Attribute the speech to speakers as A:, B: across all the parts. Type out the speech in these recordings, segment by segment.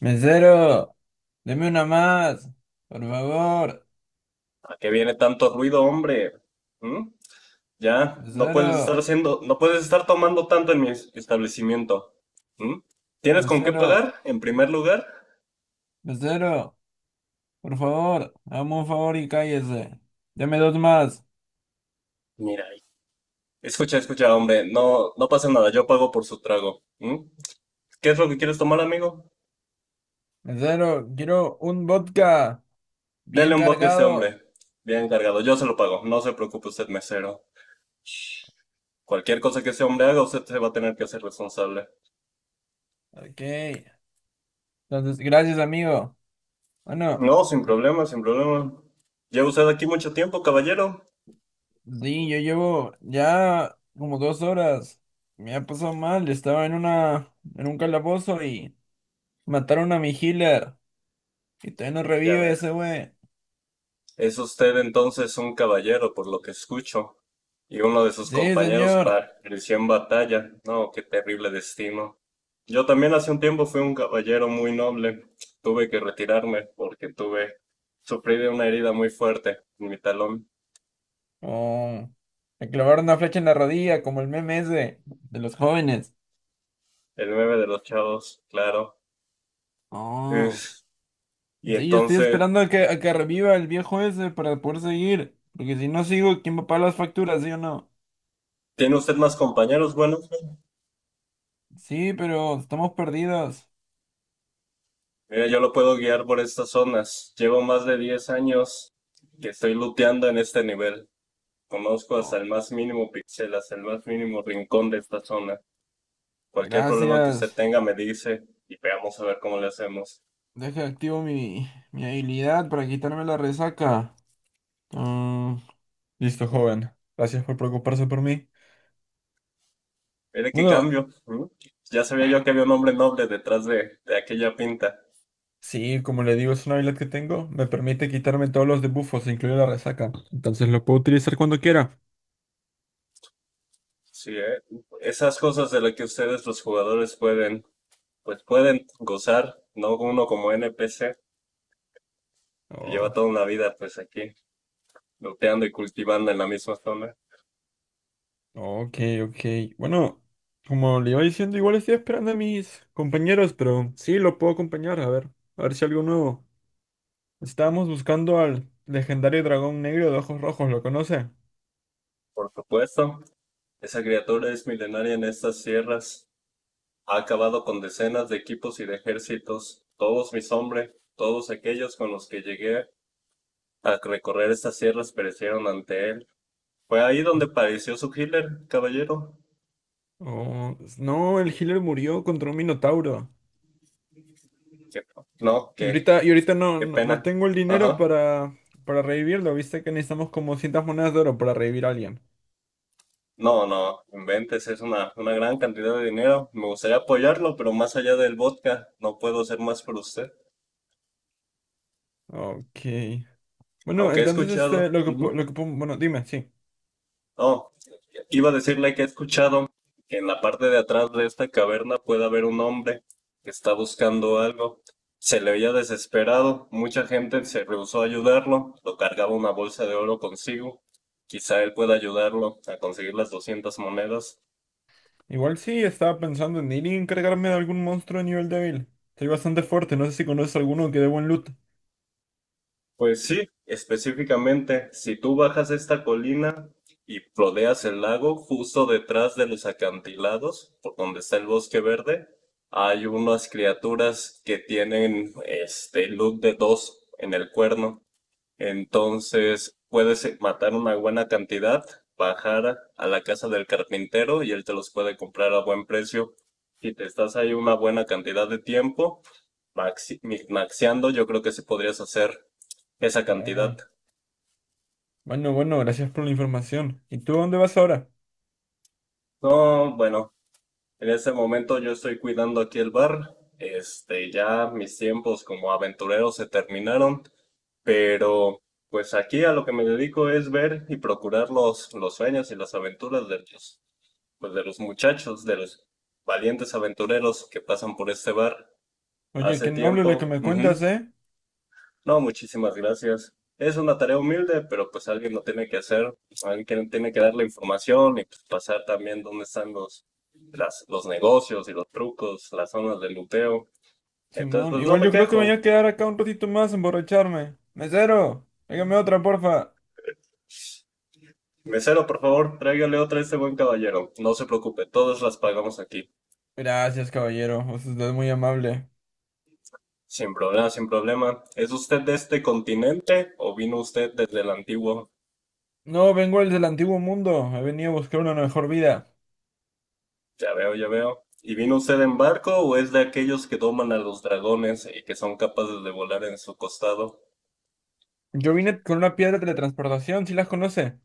A: Mesero, deme una más, por favor.
B: ¿A qué viene tanto ruido, hombre? ¿Mm? Ya,
A: Mesero,
B: no puedes estar tomando tanto en mi establecimiento. ¿Mm? ¿Tienes con qué
A: mesero,
B: pagar, en primer lugar?
A: mesero, por favor, hazme un favor y cállese. Deme dos más.
B: Mira, escucha, escucha, hombre, no, no pasa nada, yo pago por su trago. ¿Mm? ¿Qué es lo que quieres tomar, amigo?
A: Mesero, quiero un vodka bien
B: Dele un vodka a ese hombre.
A: cargado.
B: Bien cargado, yo se lo pago, no se preocupe usted, mesero. Cualquier cosa que ese hombre haga, usted se va a tener que hacer responsable.
A: Ok, entonces, gracias, amigo. Bueno,
B: No, sin problema, sin problema. ¿Lleva usted aquí mucho tiempo, caballero?
A: sí, yo llevo ya como dos horas. Me ha pasado mal, estaba en un calabozo y mataron a mi healer. Y todavía no
B: Ya
A: revive
B: ve.
A: ese güey.
B: Es usted entonces un caballero, por lo que escucho, y uno de sus
A: Sí,
B: compañeros
A: señor.
B: pereció en batalla. No, qué terrible destino. Yo también hace un tiempo fui un caballero muy noble. Tuve que retirarme porque tuve, sufrí de una herida muy fuerte en mi talón,
A: Oh, le clavaron una flecha en la rodilla, como el meme ese de los jóvenes.
B: el nueve de los chavos, claro.
A: Oh,
B: Es- Y
A: sí, yo estoy
B: entonces,
A: esperando a que reviva el viejo ese para poder seguir. Porque si no sigo, ¿quién va a pagar las facturas, sí o no?
B: ¿tiene usted más compañeros? Bueno,
A: Sí, pero estamos perdidos.
B: mira, yo lo puedo guiar por estas zonas. Llevo más de 10 años que estoy luteando en este nivel. Conozco hasta
A: Oh,
B: el más mínimo píxel, hasta el más mínimo rincón de esta zona. Cualquier problema que usted
A: gracias.
B: tenga me dice y veamos a ver cómo le hacemos.
A: Deja activo mi habilidad para quitarme la resaca. Mm, listo, joven. Gracias por preocuparse por mí.
B: Mire qué
A: Bueno,
B: cambio. ¿M? Ya sabía yo que había un hombre noble detrás de aquella pinta.
A: sí, como le digo, es una habilidad que tengo. Me permite quitarme todos los debuffos, incluida la resaca. Entonces lo puedo utilizar cuando quiera.
B: Sí, ¿eh? Esas cosas de las que ustedes los jugadores pueden, pues pueden gozar, no uno como NPC que lleva
A: Oh,
B: toda una vida pues aquí, looteando y cultivando en la misma zona.
A: ok, ok. Bueno, como le iba diciendo, igual estoy esperando a mis compañeros, pero sí, lo puedo acompañar. A ver si algo nuevo. Estábamos buscando al legendario dragón negro de ojos rojos, ¿lo conoce?
B: Por supuesto, esa criatura es milenaria en estas sierras. Ha acabado con decenas de equipos y de ejércitos, todos mis hombres, todos aquellos con los que llegué a recorrer estas sierras perecieron ante él. Fue ahí donde padeció su hitler, caballero.
A: Oh, no, el healer murió contra un minotauro.
B: ¿Qué? No
A: Y
B: qué
A: ahorita, y ahorita no,
B: qué
A: no
B: pena,
A: tengo el dinero
B: ajá.
A: para revivirlo. Viste que necesitamos como 100 monedas de oro para revivir a alguien.
B: No, no inventes, es una gran cantidad de dinero. Me gustaría apoyarlo, pero más allá del vodka no puedo hacer más por usted,
A: Ok. Bueno,
B: aunque he
A: entonces este,
B: escuchado. Ujú.
A: bueno, dime, sí.
B: Oh, iba a decirle que he escuchado que en la parte de atrás de esta caverna puede haber un hombre que está buscando algo. Se le veía desesperado, mucha gente se rehusó a ayudarlo, lo cargaba una bolsa de oro consigo. Quizá él pueda ayudarlo a conseguir las 200 monedas.
A: Igual sí, estaba pensando en ir y encargarme de algún monstruo de nivel débil. Soy bastante fuerte, no sé si conoces alguno que dé buen loot.
B: Pues sí, específicamente, si tú bajas esta colina y rodeas el lago, justo detrás de los acantilados, por donde está el bosque verde, hay unas criaturas que tienen este look de dos en el cuerno. Entonces, puedes matar una buena cantidad, bajar a la casa del carpintero y él te los puede comprar a buen precio. Si te estás ahí una buena cantidad de tiempo, maxi maxeando, yo creo que sí podrías hacer esa cantidad.
A: Oh, bueno, bueno, gracias por la información. ¿Y tú a dónde vas ahora?
B: No, bueno, en este momento yo estoy cuidando aquí el bar. Este, ya mis tiempos como aventurero se terminaron, pero pues aquí a lo que me dedico es ver y procurar los sueños y las aventuras de ellos. Pues, de los muchachos, de los valientes aventureros que pasan por este bar
A: Oye,
B: hace
A: qué noble lo que
B: tiempo.
A: me cuentas,
B: Ujú.
A: ¿eh?
B: No, muchísimas gracias. Es una tarea humilde, pero pues alguien lo tiene que hacer, alguien tiene que dar la información y pues, pasar también dónde están los, las, los negocios y los trucos, las zonas de luteo. Entonces,
A: Simón,
B: pues no
A: igual
B: me
A: yo creo que me voy
B: quejo.
A: a quedar acá un ratito más a emborracharme. Mesero, hágame otra, porfa.
B: Mesero, por favor, tráigale otra a este buen caballero. No se preocupe, todas las pagamos aquí.
A: Gracias, caballero, usted es muy amable.
B: Sin problema, sin problema. ¿Es usted de este continente o vino usted desde el antiguo?
A: No, vengo del antiguo mundo, he venido a buscar una mejor vida.
B: Ya veo, ya veo. ¿Y vino usted en barco o es de aquellos que doman a los dragones y que son capaces de volar en su costado?
A: Yo vine con una piedra de teletransportación, ¿sí las conoce?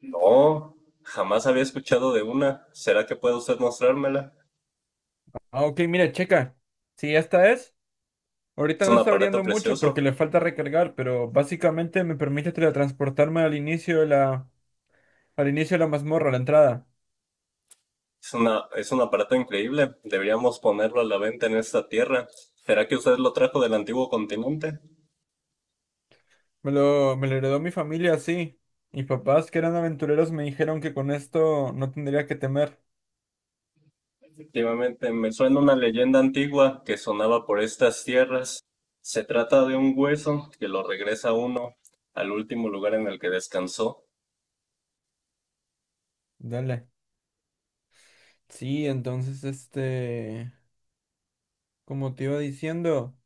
B: No, jamás había escuchado de una. ¿Será que puede usted mostrármela?
A: Ah, ok, mire, checa. Si esta es,
B: Es
A: ahorita no
B: un
A: está
B: aparato
A: brillando mucho porque
B: precioso.
A: le falta recargar, pero básicamente me permite teletransportarme al inicio de la mazmorra, a la entrada.
B: Es una, es un aparato increíble. Deberíamos ponerlo a la venta en esta tierra. ¿Será que usted lo trajo del antiguo continente?
A: Me lo heredó mi familia así. Mis papás, que eran aventureros, me dijeron que con esto no tendría que temer.
B: Efectivamente, me suena una leyenda antigua que sonaba por estas tierras. Se trata de un hueso que lo regresa a uno al último lugar en el que descansó.
A: Dale. Sí, entonces, este, como te iba diciendo.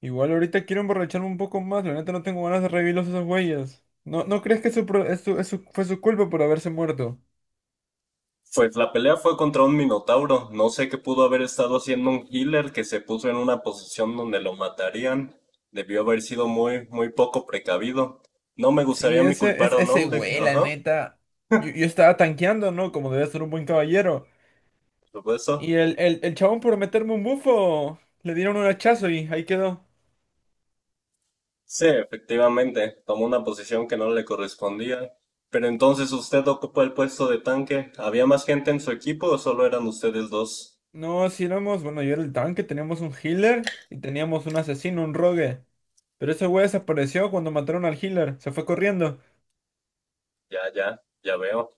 A: Igual ahorita quiero emborracharme un poco más, la neta no tengo ganas de revivirlos a esos güeyes. No crees que su, pro- es su- fue su culpa por haberse muerto?
B: Pues la pelea fue contra un minotauro. No sé qué pudo haber estado haciendo un healer que se puso en una posición donde lo matarían. Debió haber sido muy, muy poco precavido. No me
A: Sí,
B: gustaría mi culpar a un
A: ese
B: hombre.
A: güey, la
B: Ajá,
A: neta. Yo estaba tanqueando, ¿no? Como debía ser un buen caballero.
B: por
A: Y
B: supuesto.
A: el chabón por meterme un bufo, le dieron un hachazo y ahí quedó.
B: Sí, efectivamente, tomó una posición que no le correspondía. Pero entonces usted ocupó el puesto de tanque. ¿Había más gente en su equipo o solo eran ustedes dos?
A: No, si éramos, bueno, yo era el tanque, teníamos un healer y teníamos un asesino, un rogue. Pero ese güey desapareció cuando mataron al healer, se fue corriendo.
B: Ya, ya, ya veo.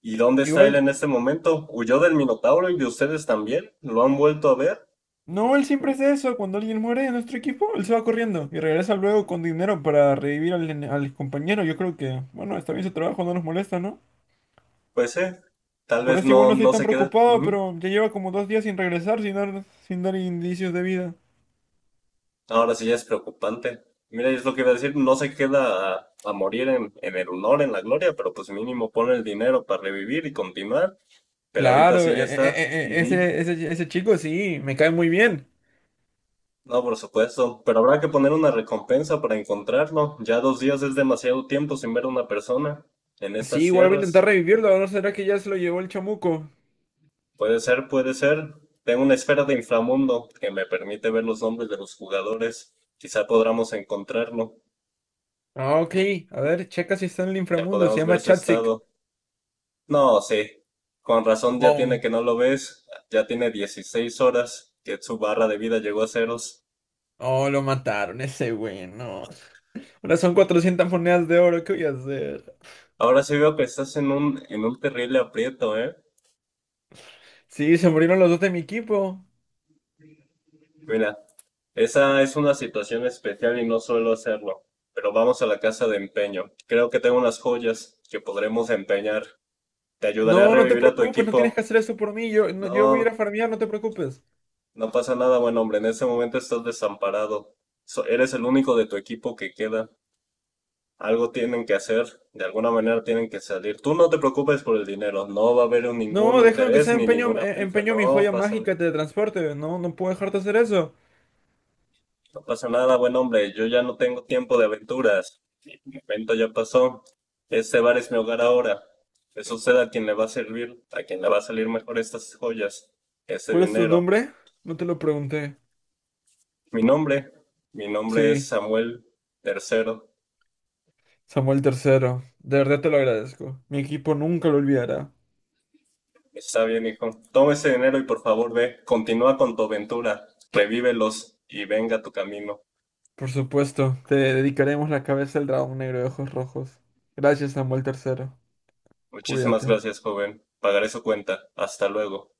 B: ¿Y dónde está él
A: Igual,
B: en este momento? ¿Huyó del minotauro y de ustedes también? ¿Lo han vuelto a ver?
A: no, él siempre hace eso. Cuando alguien muere de nuestro equipo, él se va corriendo y regresa luego con dinero para revivir al compañero. Yo creo que, bueno, está bien su trabajo, no nos molesta, ¿no?
B: Pues sí, tal
A: Por
B: vez
A: eso igual
B: no,
A: no estoy
B: no
A: tan
B: se queda.
A: preocupado,
B: Ujú.
A: pero ya lleva como dos días sin regresar, sin dar indicios de vida.
B: Ahora sí ya es preocupante. Mira, es lo que iba a decir, no se queda a morir en el honor, en la gloria, pero pues mínimo pone el dinero para revivir y continuar. Pero ahorita
A: Claro,
B: sí ya está. Ujú.
A: ese chico sí, me cae muy bien.
B: No, por supuesto. Pero habrá que poner una recompensa para encontrarlo. Ya 2 días es demasiado tiempo sin ver a una persona en
A: Sí,
B: estas
A: igual voy a intentar
B: tierras.
A: revivirlo. ¿No será que ya se lo llevó el chamuco?
B: Puede ser, puede ser. Tengo una esfera de inframundo que me permite ver los nombres de los jugadores. Quizá podamos encontrarlo.
A: Ah, ok. A ver, checa si está en el
B: Ya
A: inframundo. Se
B: podemos ver
A: llama
B: su
A: Chatzik.
B: estado. No, sí. Con razón ya tiene
A: Oh,
B: que no lo ves. Ya tiene 16 horas que su barra de vida llegó a ceros.
A: oh, lo mataron, ese güey, no. Ahora son 400 monedas de oro, ¿qué voy a hacer?
B: Ahora sí veo que estás en un terrible aprieto, ¿eh?
A: Sí, se murieron los dos de mi equipo.
B: Mira, esa es una situación especial y no suelo hacerlo. Pero vamos a la casa de empeño. Creo que tengo unas joyas que podremos empeñar. Te ayudaré a
A: No, no te
B: revivir a tu
A: preocupes, no tienes que
B: equipo.
A: hacer eso por mí. Yo, no- yo voy a ir a
B: No,
A: farmear, no te preocupes.
B: no pasa nada, buen hombre. En este momento estás desamparado. Eres el único de tu equipo que queda. Algo tienen que hacer, de alguna manera tienen que salir. Tú no te preocupes por el dinero, no va a haber ningún
A: No, déjame que
B: interés
A: sea
B: ni ninguna prisa,
A: empeño mi joya mágica de transporte. No, no puedo dejarte hacer eso.
B: no pasa nada, buen hombre, yo ya no tengo tiempo de aventuras, mi evento ya pasó, este bar es mi hogar ahora, que suceda a quien le va a servir, a quien le va a salir mejor estas joyas, este
A: ¿Cuál es tu
B: dinero.
A: nombre? No te lo pregunté.
B: Mi nombre, mi nombre es
A: Sí,
B: Samuel Tercero.
A: Samuel tercero. De verdad te lo agradezco. Mi equipo nunca lo olvidará.
B: Está bien, hijo, toma ese dinero y por favor ve, continúa con tu aventura, revívelos y venga tu camino.
A: Por supuesto, te dedicaremos la cabeza del dragón negro de ojos rojos. Gracias, Samuel tercero.
B: Muchísimas
A: Cuídate.
B: gracias, joven. Pagaré su cuenta. Hasta luego.